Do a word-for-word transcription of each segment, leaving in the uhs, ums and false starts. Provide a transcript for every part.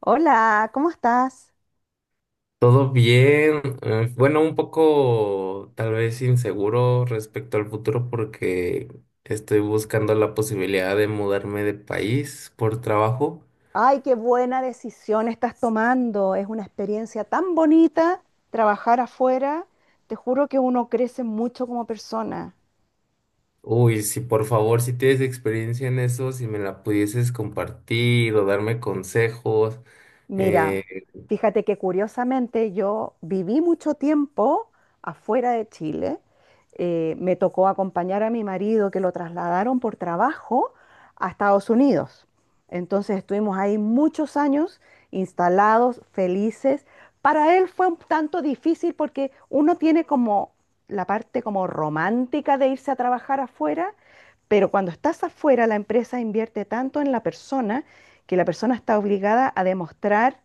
Hola, ¿cómo estás? Todo bien, eh, bueno, un poco tal vez inseguro respecto al futuro porque estoy buscando la posibilidad de mudarme de país por trabajo. Ay, qué buena decisión estás tomando. Es una experiencia tan bonita trabajar afuera. Te juro que uno crece mucho como persona. Uy, si por favor, si tienes experiencia en eso, si me la pudieses compartir o darme consejos. Mira, eh, fíjate que curiosamente yo viví mucho tiempo afuera de Chile. Eh, me tocó acompañar a mi marido que lo trasladaron por trabajo a Estados Unidos. Entonces estuvimos ahí muchos años instalados, felices. Para él fue un tanto difícil porque uno tiene como la parte como romántica de irse a trabajar afuera, pero cuando estás afuera la empresa invierte tanto en la persona que la persona está obligada a demostrar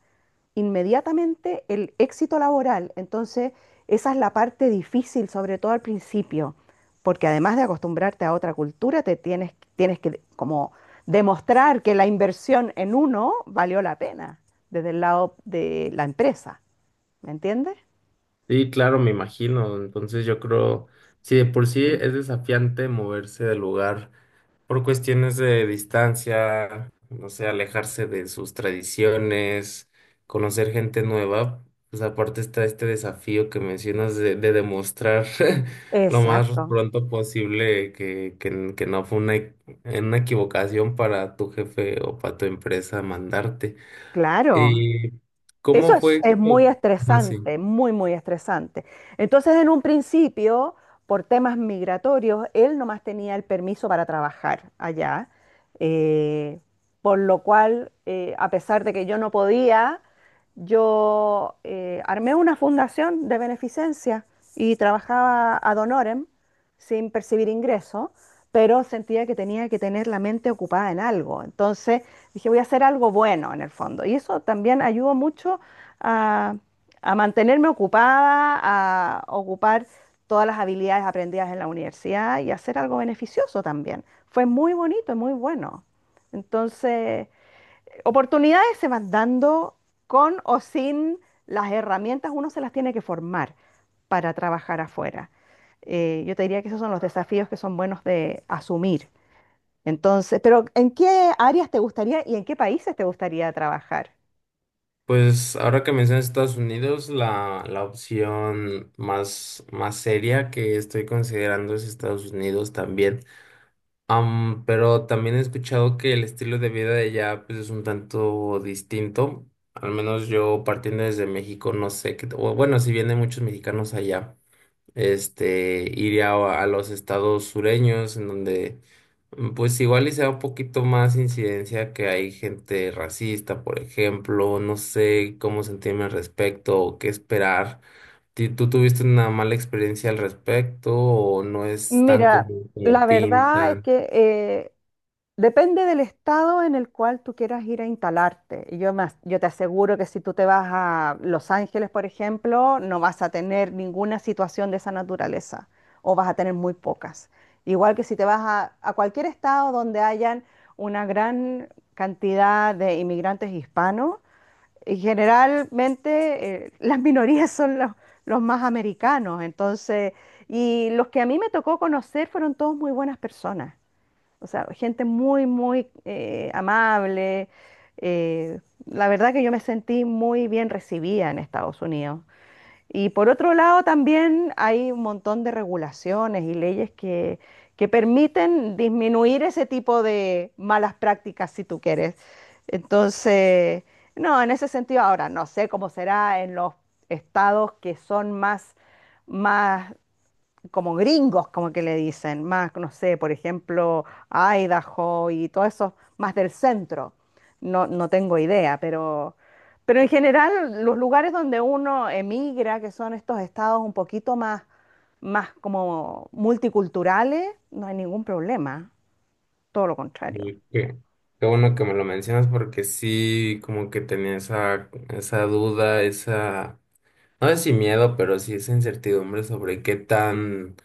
inmediatamente el éxito laboral. Entonces, esa es la parte difícil, sobre todo al principio, porque además de acostumbrarte a otra cultura, te tienes, tienes que como demostrar que la inversión en uno valió la pena desde el lado de la empresa. ¿Me entiendes? sí, claro, me imagino. Entonces yo creo, si de por sí es desafiante moverse del lugar por cuestiones de distancia, no sé, alejarse de sus tradiciones, conocer gente nueva. Pues aparte está este desafío que mencionas de, de demostrar lo más Exacto. pronto posible que, que, que no fue una, e- una equivocación para tu jefe o para tu empresa mandarte. Claro. ¿Y Eso cómo es, fue? es muy Como así? estresante, muy, muy estresante. Entonces, en un principio, por temas migratorios, él nomás tenía el permiso para trabajar allá, eh, por lo cual, eh, a pesar de que yo no podía, yo eh, armé una fundación de beneficencia y trabajaba ad honorem sin percibir ingreso, pero sentía que tenía que tener la mente ocupada en algo. Entonces, dije, voy a hacer algo bueno en el fondo. Y eso también ayudó mucho a, a mantenerme ocupada, a ocupar todas las habilidades aprendidas en la universidad y hacer algo beneficioso también. Fue muy bonito y muy bueno. Entonces, oportunidades se van dando con o sin las herramientas, uno se las tiene que formar para trabajar afuera. Eh, yo te diría que esos son los desafíos que son buenos de asumir. Entonces, pero ¿en qué áreas te gustaría y en qué países te gustaría trabajar? Pues ahora que mencionas Estados Unidos, la, la opción más, más seria que estoy considerando es Estados Unidos también. Am, pero también he escuchado que el estilo de vida de allá pues, es un tanto distinto. Al menos yo partiendo desde México, no sé qué, o bueno, si vienen muchos mexicanos allá. Este, iría a a los estados sureños, en donde mm, pues igual y sea un poquito más incidencia que hay gente racista, por ejemplo, no sé cómo sentirme al respecto o qué esperar. Ti- ¿Tú tuviste una mala experiencia al respecto o no es tan Mira, común como la verdad es pintan? que eh, depende del estado en el cual tú quieras ir a instalarte. Y yo, me as- yo te aseguro que si tú te vas a Los Ángeles, por ejemplo, no vas a tener ninguna situación de esa naturaleza o vas a tener muy pocas. Igual que si te vas a, a cualquier estado donde hayan una gran cantidad de inmigrantes hispanos, y generalmente eh, las minorías son los, los más americanos, entonces, y los que a mí me tocó conocer fueron todos muy buenas personas, o sea, gente muy, muy eh, amable. eh, la verdad que yo me sentí muy bien recibida en Estados Unidos. Y por otro lado, también hay un montón de regulaciones y leyes que, que permiten disminuir ese tipo de malas prácticas, si tú quieres. Entonces, no, en ese sentido, ahora no sé cómo será en los estados que son más, más como gringos, como que le dicen, más, no sé, por ejemplo, Idaho y todo eso, más del centro. No, no tengo idea, pero, pero en general los lugares donde uno emigra, que son estos estados un poquito más, más como multiculturales, no hay ningún problema, todo lo contrario. Y qué, qué bueno que me lo mencionas porque sí, como que tenía esa, esa duda, esa. No es sin miedo, pero sí esa incertidumbre sobre qué tan,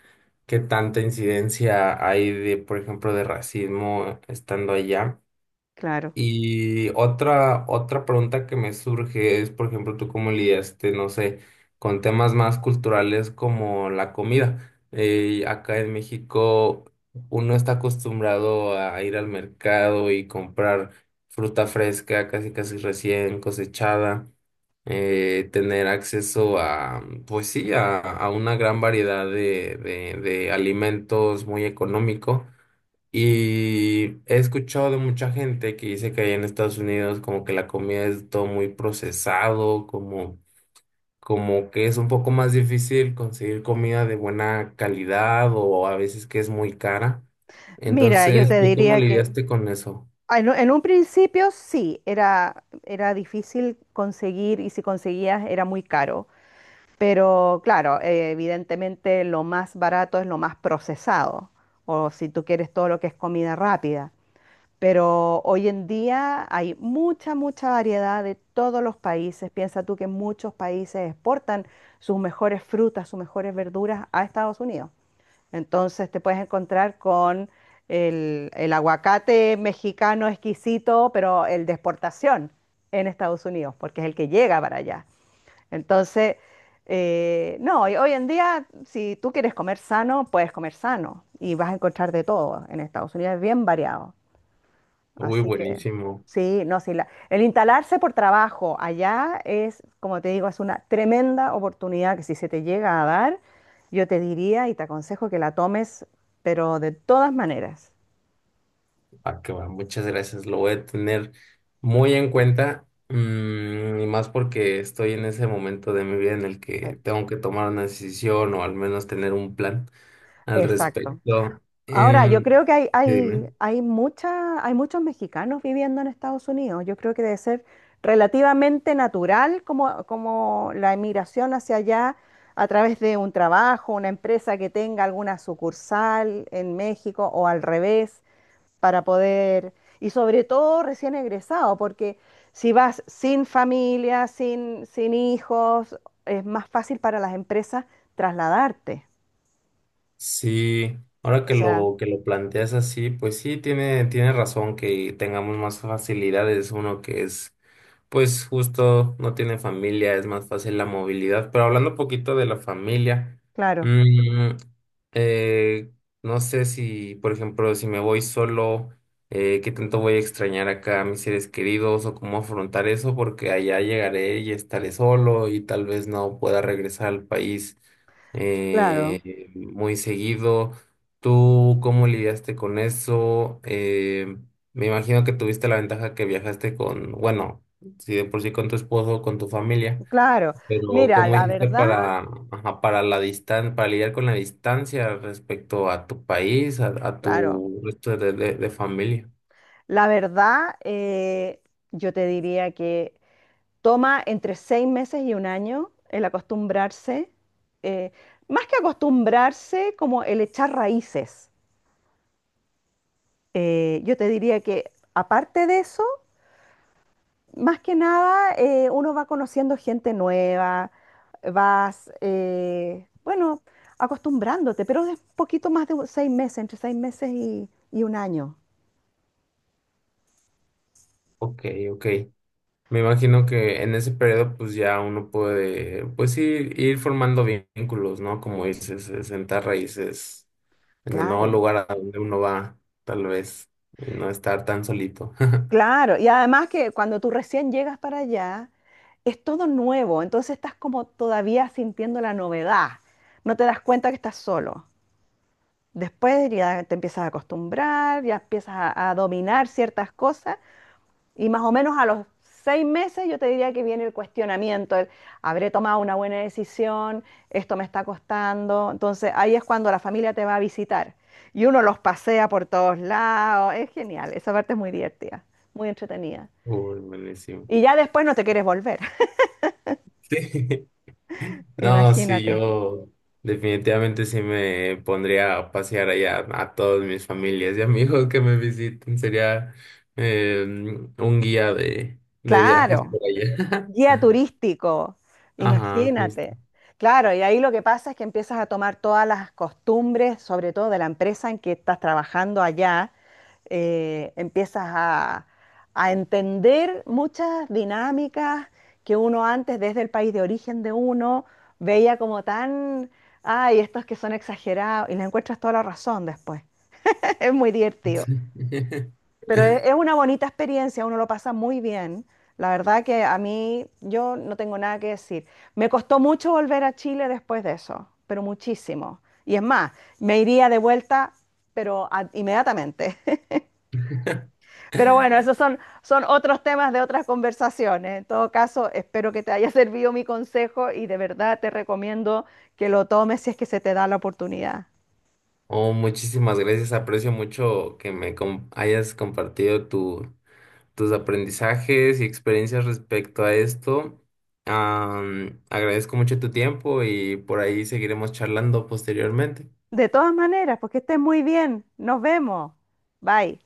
qué tanta incidencia hay de, por ejemplo, de racismo estando allá. Claro. Y otra, otra pregunta que me surge es, por ejemplo, tú cómo lidiaste, no sé, con temas más culturales como la comida. Eh, acá en México uno está acostumbrado a ir al mercado y comprar fruta fresca, casi casi recién cosechada, eh, tener acceso a, pues sí, a, a una gran variedad de, de, de alimentos muy económico. Y he escuchado de mucha gente que dice que allá en Estados Unidos como que la comida es todo muy procesado, como, como que es un poco más difícil conseguir comida de buena calidad o a veces que es muy cara. Mira, yo Entonces, te ¿tú cómo diría que, lidiaste con eso? Ah, En, en un principio sí, era, era difícil conseguir y si conseguías era muy caro. Pero claro, eh, evidentemente lo más barato es lo más procesado, o si tú quieres todo lo que es comida rápida. Pero hoy en día hay mucha, mucha variedad de todos los países. Piensa tú que muchos países exportan sus mejores frutas, sus mejores verduras a Estados Unidos. Entonces te puedes encontrar con el, el aguacate mexicano exquisito, pero el de exportación en Estados Unidos, porque es el que llega para allá. Entonces, eh, no, y hoy en día, si tú quieres comer sano, puedes comer sano y vas a encontrar de todo en Estados Unidos, es bien variado. Uy, Así que buenísimo. sí, no, sí, la- el instalarse por trabajo allá es, como te digo, es una tremenda oportunidad que si se te llega a dar, yo te diría y te aconsejo que la tomes, pero de todas maneras. Ah, que va, muchas gracias. Lo voy a tener muy en cuenta, mm, y más porque estoy en ese momento de mi vida en el que Sí. tengo que tomar una decisión o al menos tener un plan al Exacto. respecto. Ahora, yo Em, creo que hay, sí, hay, dime. hay, mucha- hay muchos mexicanos viviendo en Estados Unidos. Yo creo que debe ser relativamente natural como, como la emigración hacia allá a través de un trabajo, una empresa que tenga alguna sucursal en México o al revés, para poder, y sobre todo recién egresado, porque si vas sin familia, sin, sin hijos, es más fácil para las empresas trasladarte. Sí, ahora O que sea, lo que lo planteas así, pues sí tiene tiene razón que tengamos más facilidades, uno que es pues justo no tiene familia, es más fácil la movilidad. Pero hablando un poquito de la familia, claro, mm, eh, no sé si, por ejemplo, si me voy solo, eh, qué tanto voy a extrañar acá a mis seres queridos o cómo afrontar eso, porque allá llegaré y estaré solo y tal vez no pueda regresar al país claro. eh, muy seguido. ¿Tú cómo lidiaste con eso? Eh, me imagino que tuviste la ventaja que viajaste con, bueno, si de por sí con tu esposo, con tu familia, Claro, pero mira, ¿cómo la hiciste verdad, para, ajá, para la distan para lidiar con la distancia respecto a tu país, a, a claro, tu resto de, de- de familia? la verdad, eh, yo te diría que toma entre seis meses y un año el acostumbrarse, eh, más que acostumbrarse, como el echar raíces. Eh, yo te diría que aparte de eso, más que nada, eh, uno va conociendo gente nueva, vas, eh, bueno, acostumbrándote, pero es poquito más de un- seis meses, entre seis meses y, y un año. Ok, ok. Me imagino que en ese periodo pues ya uno puede, pues ir, ir formando vínculos, ¿no? Como dices, eh, sentar raíces en el nuevo Claro. lugar a donde uno va, tal vez, y no estar tan solito. Claro, y además que cuando tú recién llegas para allá, es todo nuevo, entonces estás como todavía sintiendo la novedad, no te das cuenta que estás solo. Después ya te empiezas a acostumbrar, ya empiezas a, a dominar ciertas cosas y más o menos a los seis meses yo te diría que viene el cuestionamiento, el, habré tomado una buena decisión, esto me está costando, entonces ahí es cuando la familia te va a visitar y uno los pasea por todos lados, es genial, esa parte es muy divertida, muy entretenida. Uy, buenísimo. Y ya después no te quieres volver. Sí. No, sí, Imagínate. yo definitivamente sí me pondría a pasear allá a todas mis familias y amigos que me visiten. Sería eh, un guía de, de viajes Claro, por allá. guía turístico. Ajá, justo. Imagínate. Claro, y ahí lo que pasa es que empiezas a tomar todas las costumbres, sobre todo de la empresa en que estás trabajando allá, eh, empiezas a, a entender muchas dinámicas que uno antes, desde el país de origen de uno, veía como tan, ay, estos que son exagerados, y le encuentras toda la razón después. Es muy divertido. Sí. Pero es, es una bonita experiencia, uno lo pasa muy bien. La verdad que a mí yo no tengo nada que decir. Me costó mucho volver a Chile después de eso, pero muchísimo. Y es más, me iría de vuelta, pero a- inmediatamente. Pero bueno, esos son, son otros temas de otras conversaciones. En todo caso, espero que te haya servido mi consejo y de verdad te recomiendo que lo tomes si es que se te da la oportunidad. Oh, muchísimas gracias. Aprecio mucho que me com- hayas compartido tu- tus aprendizajes y experiencias respecto a esto. Am, agradezco mucho tu tiempo y por ahí seguiremos charlando posteriormente. De todas maneras, pues que estés muy bien. Nos vemos. Bye.